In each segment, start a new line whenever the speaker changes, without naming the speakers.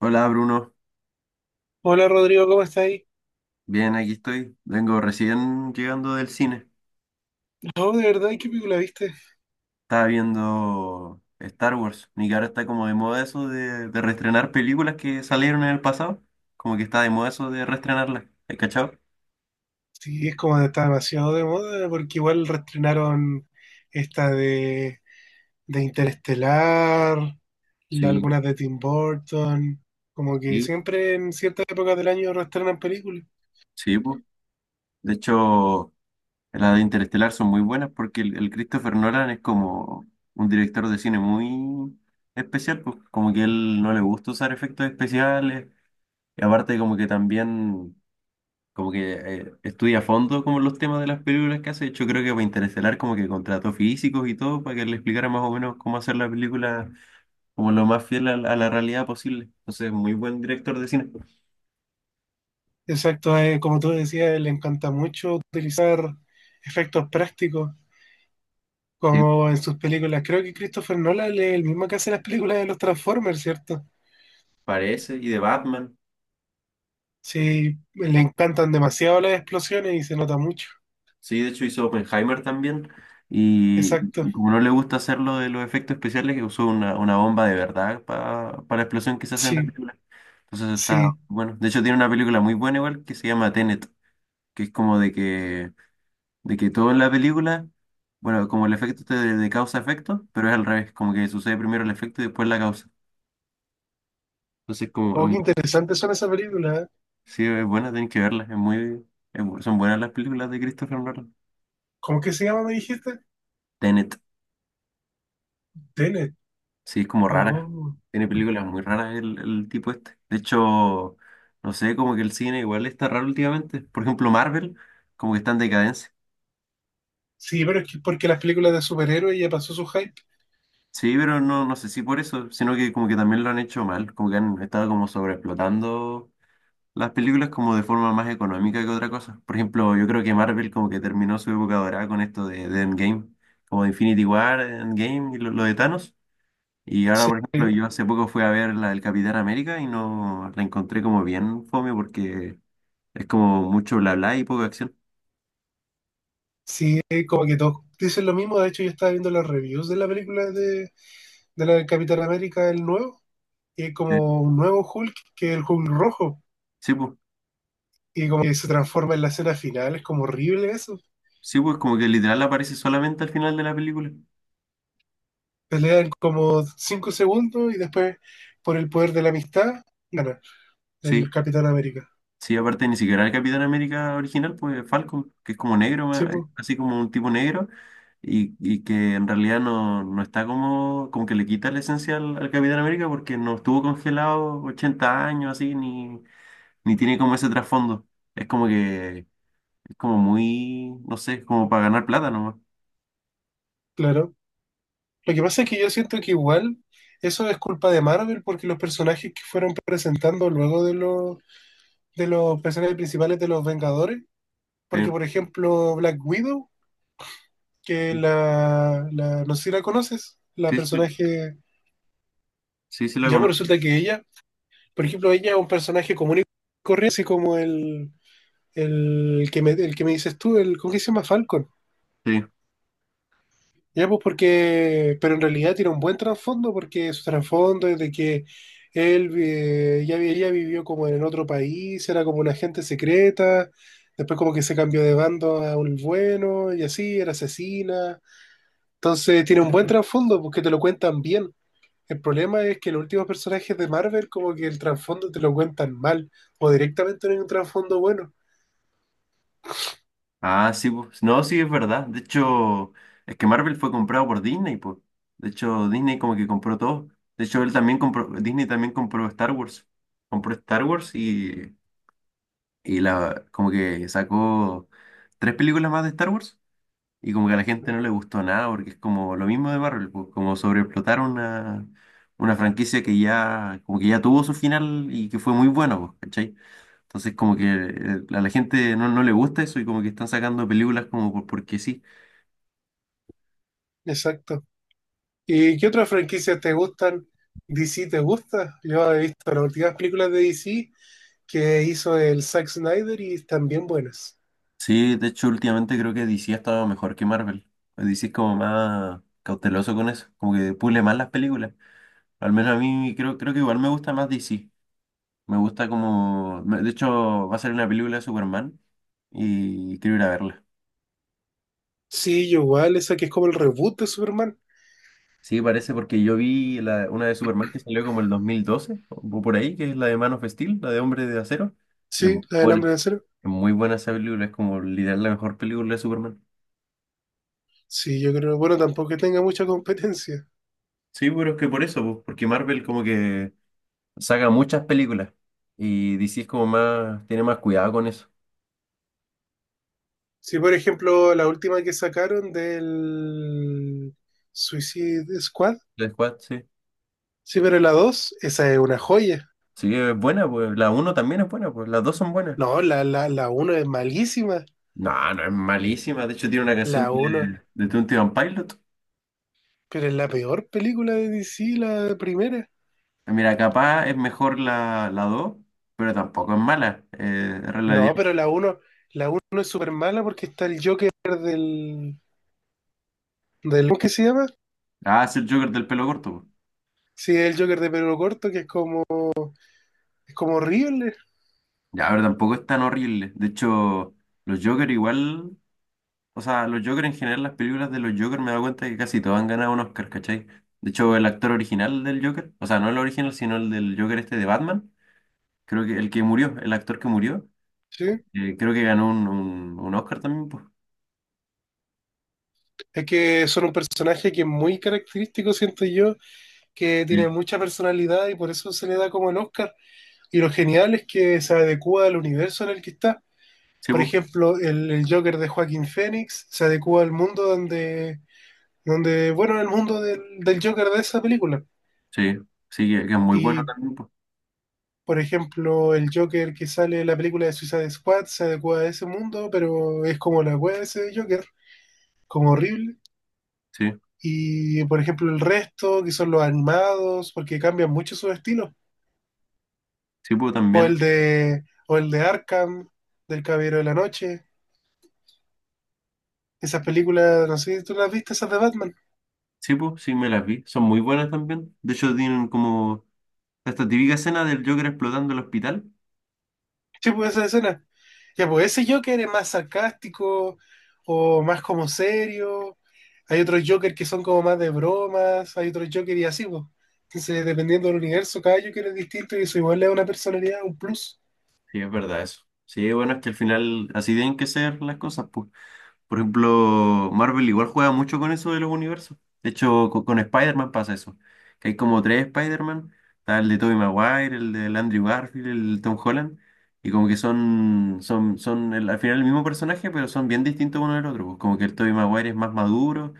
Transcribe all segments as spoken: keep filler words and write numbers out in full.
Hola, Bruno.
Hola Rodrigo, ¿cómo estás ahí?
Bien, aquí estoy. Vengo recién llegando del cine.
No, de verdad, ¿y qué película viste?
Estaba viendo Star Wars y que ahora está como de moda eso de, de reestrenar películas que salieron en el pasado. Como que está de moda eso de reestrenarlas. ¿Has cachado?
Sí, es como está demasiado de moda, porque igual reestrenaron esta de, de Interestelar, la-
Sí,
algunas de Tim Burton, como que
sí,
siempre en ciertas épocas del año reestrenan películas.
sí, pues. De hecho, las de Interestelar son muy buenas porque el, el Christopher Nolan es como un director de cine muy especial, pues como que él no le gusta usar efectos especiales. Y aparte como que también como que eh, estudia a fondo como los temas de las películas que hace. De hecho, creo que para Interestelar como que contrató físicos y todo para que le explicara más o menos cómo hacer la película como lo más fiel a, la a la realidad posible. Entonces, muy buen director de cine.
Exacto, eh, como tú decías, le encanta mucho utilizar efectos prácticos,
Sí,
como en sus películas. Creo que Christopher Nolan es el mismo que hace las películas de los Transformers, ¿cierto?
parece. Y de Batman.
Sí, le encantan demasiado las explosiones y se nota mucho.
Sí, de hecho hizo Oppenheimer también. Y
Exacto.
como no le gusta hacer lo de los efectos especiales, que usó una, una bomba de verdad para, para la explosión que se hace en la
Sí,
película. Entonces está
sí.
bueno. De hecho, tiene una película muy buena igual que se llama Tenet, que es como de que de que todo en la película, bueno, como el efecto este de, de causa-efecto, pero es al revés, como que sucede primero el efecto y después la causa. Entonces, como, es
Oh, qué
muy-
interesantes son esas películas, ¿eh?
sí, es buena, tienen que verla, es muy, es bu- son buenas las películas de Christopher Nolan.
¿Cómo que se llama, me dijiste?
Tenet,
Tenet.
sí, es como rara,
Oh.
tiene películas muy raras el, el tipo este. De hecho, no sé, como que el cine igual está raro últimamente. Por ejemplo, Marvel, como que está en decadencia.
Sí, pero es que porque las películas de superhéroes ya pasó su hype.
Sí, pero no, no sé si por eso, sino que como que también lo han hecho mal, como que han estado como sobreexplotando las películas como de forma más económica que otra cosa. Por ejemplo, yo creo que Marvel como que terminó su época dorada con esto de, de Endgame, como Infinity War, Endgame y lo, lo de Thanos. Y ahora,
Sí,
por ejemplo, yo hace poco fui a ver la del Capitán América y no la encontré como bien fome porque es como mucho bla bla y poca acción.
sí, como que todos dicen lo mismo. De hecho, yo estaba viendo las reviews de la película de, de la del Capitán América, el nuevo, y es
Eh,
como un nuevo Hulk, que es el Hulk rojo.
Sí, pues,
Y como que se transforma en la escena final, es como horrible eso.
sí, pues como que literal aparece solamente al final de la película.
Pelean como cinco segundos y después, por el poder de la amistad, gana
Sí,
el Capitán América.
Sí, aparte ni siquiera el Capitán América original, pues Falcon, que es como negro, ma-
Sí, pues,
así como un tipo negro, y, y que en realidad no, no está como, como que le quita la esencia al, al Capitán América porque no estuvo congelado ochenta años así, ni, ni tiene como ese trasfondo. Es como que, es como muy, no sé, es como para ganar plata nomás.
claro. Lo que pasa es que yo siento que igual eso es culpa de Marvel porque los personajes que fueron presentando luego de los, de los personajes principales de los Vengadores,
Sí,
porque por ejemplo Black Widow, que la, la no sé si la conoces, la
sí, sí,
personaje,
sí, sí lo
ya pues
conozco.
resulta que ella, por ejemplo, ella es un personaje común y corriente, así como el, El que me, el que me dices tú, el, ¿cómo que se llama Falcon?
Sí.
Ya, pues porque, pero en realidad tiene un buen trasfondo, porque su trasfondo es de que él eh, ya, vi- ella vivió como en otro país, era como una agente secreta, después como que se cambió de bando a un bueno y así, era asesina. Entonces tiene un buen trasfondo, porque te lo cuentan bien. El problema es que los últimos personajes de Marvel como que el trasfondo te lo cuentan mal, o directamente no hay un trasfondo bueno.
Ah, sí, pues. No, sí, es verdad. De hecho, es que Marvel fue comprado por Disney, pues. De hecho, Disney como que compró todo. De hecho, él también compró, Disney también compró Star Wars. Compró Star Wars y, y la, como que sacó tres películas más de Star Wars. Y como que a la gente no le gustó nada, porque es como lo mismo de Marvel, pues, como sobreexplotar una, una franquicia que ya, como que ya tuvo su final y que fue muy bueno, pues, ¿cachai? Entonces como que eh, a la gente no, no le gusta eso y como que están sacando películas como por, porque sí.
Exacto. ¿Y qué otras franquicias te gustan? ¿D C te gusta? Yo he visto las últimas películas de D C que hizo el Zack Snyder y están bien buenas.
Sí, de hecho últimamente creo que D C ha estado mejor que Marvel. D C es como más cauteloso con eso, como que pule más las películas. Al menos a mí creo, creo que igual me gusta más D C. Me gusta como... me- De hecho va a ser una película de Superman y quiero ir a verla.
Sí, yo igual, esa que es como el reboot de Superman.
Sí, parece porque yo vi la, una de Superman que salió como el dos mil doce, o por ahí, que es la de Man of Steel, la de Hombre de Acero. Y es
Sí,
muy
la del
buena,
Hombre de Acero.
es muy buena esa película, es como literal la mejor película de Superman.
Sí, yo creo, bueno, tampoco que tenga mucha competencia.
Sí, pero es que por eso, pues, porque Marvel como que saca muchas películas y D C es como más, tiene más cuidado con eso.
Sí, por ejemplo, la última que sacaron del Suicide Squad.
La Squad, sí.
Sí, pero la dos esa es una joya.
Sí, es buena, pues la uno también es buena, pues las dos son buenas.
No, la, la, la uno es malísima.
No, no es malísima, de hecho tiene una canción
La uno,
de, de Twenty One Pilots.
pero es la peor película de D C, la primera.
Mira, capaz es mejor la, la dos, pero tampoco es mala. Eh, es
No,
relativamente-
pero la uno, la uno es súper mala porque está el Joker del, del... ¿Cómo que se llama?
Ah, es el Joker del pelo corto, po.
Sí, el Joker de pelo corto, que es como, es como horrible,
Ya, pero tampoco es tan horrible. De hecho, los Joker igual, o sea, los Joker en general, las películas de los Joker me he dado cuenta que casi todos han ganado un Oscar, ¿cachai? De hecho, el actor original del Joker, o sea, no el original, sino el del Joker este de Batman, creo que el que murió, el actor que murió,
¿sí?
eh, creo que ganó un, un, un Oscar también, pues.
Es que son un personaje que es muy característico, siento yo, que tiene
Sí,
mucha personalidad y por eso se le da como el Oscar. Y lo genial es que se adecua al universo en el que está.
sí,
Por
pues.
ejemplo, el, el Joker de Joaquín Phoenix se adecua al mundo donde, donde, bueno, al mundo del, del Joker de esa película.
Sí, sí, que, que es muy bueno
Y,
también, pues.
por ejemplo, el Joker que sale en la película de Suicide Squad se adecua a ese mundo, pero es como la wea de ese Joker, como horrible.
Sí,
Y por ejemplo, el resto, que son los animados, porque cambian mucho su estilo.
sí, pues
O
también.
el de, o el de Arkham, del Caballero de la Noche. Esas películas, no sé si tú las viste, esas de Batman.
Sí, pues, sí, me las vi. Son muy buenas también. De hecho, tienen como esta típica escena del Joker explotando el hospital.
Sí, pues esa escena. Ya, pues ese Joker es más sarcástico o más como serio. Hay otros Joker que son como más de bromas, hay otros Joker y así, pues. Entonces, dependiendo del universo, cada Joker es distinto y eso igual le da una personalidad, un plus.
Sí, es verdad eso. Sí, bueno, es que al final así tienen que ser las cosas, pues. Por ejemplo, Marvel igual juega mucho con eso de los universos. De hecho, co- con, Spider-Man pasa eso. Que hay como tres Spider-Man. Está el de Tobey Maguire, el de Andrew Garfield, el de Tom Holland. Y como que son, son, son el- al final el mismo personaje, pero son bien distintos uno del otro, pues. Como que el Tobey Maguire es más maduro.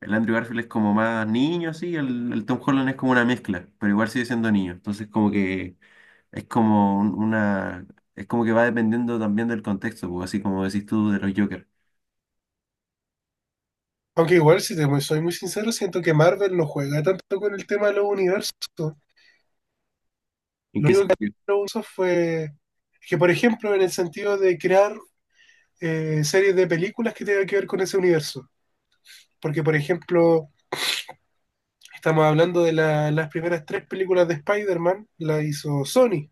El Andrew Garfield es como más niño, así, el, el Tom Holland es como una mezcla, pero igual sigue siendo niño. Entonces como que es como un- una, es como que va dependiendo también del contexto, pues, así como decís tú de los Joker.
Aunque igual, si te mu- soy muy sincero, siento que Marvel no juega tanto con el tema de los universos.
¿En
Lo
qué
único que hizo
sentido?
los universos fue que, por ejemplo, en el sentido de crear eh, series de películas que tengan que ver con ese universo. Porque, por ejemplo, estamos hablando de la- las primeras tres películas de Spider-Man, la hizo Sony.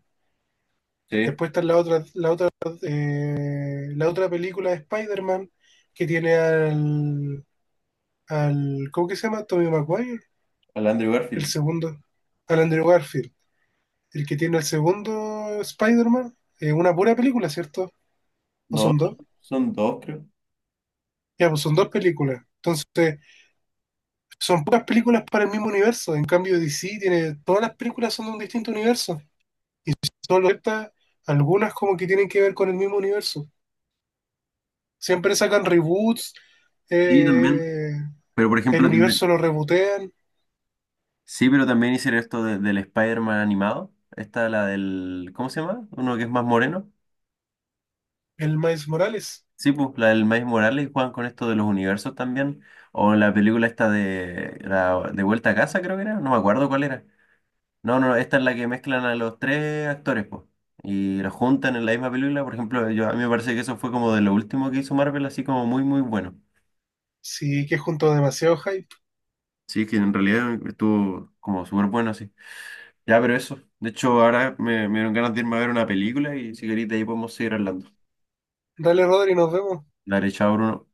Sí,
Después está la otra, la otra, eh, la otra película de Spider-Man que tiene al, al, ¿cómo que se llama? Tobey Maguire,
al Andrew
el
Garfield.
segundo, al Andrew Garfield, el que tiene el segundo Spider-Man, eh, una pura película, ¿cierto? ¿O
No,
son dos?
son dos, creo.
Ya, pues son dos películas. Entonces, son puras películas para el mismo universo. En cambio, D C tiene, todas las películas son de un distinto universo. Y solo ciertas, algunas como que tienen que ver con el mismo universo. Siempre sacan reboots,
Sí, también.
eh,
Pero por
el
ejemplo, también-
universo lo rebootean,
sí, pero también hicieron esto de- del Spider-Man animado. Esta, la del, ¿cómo se llama? Uno que es más moreno.
el Miles Morales.
Sí, pues la del Miles Morales juegan con esto de los universos también. O la película esta de la, de Vuelta a Casa, creo que era. No me acuerdo cuál era. No, no, no, esta es la que mezclan a los tres actores, pues. Y los juntan en la misma película. Por ejemplo, yo, a mí me parece que eso fue como de lo último que hizo Marvel, así como muy, muy bueno.
Sí, que junto demasiado hype.
Sí, que en realidad estuvo como súper bueno así. Ya, pero eso. De hecho, ahora me, me dieron ganas de irme a ver una película y si querés de ahí podemos seguir hablando.
Dale, Rodri, nos vemos.
Dale, chao, Bruno.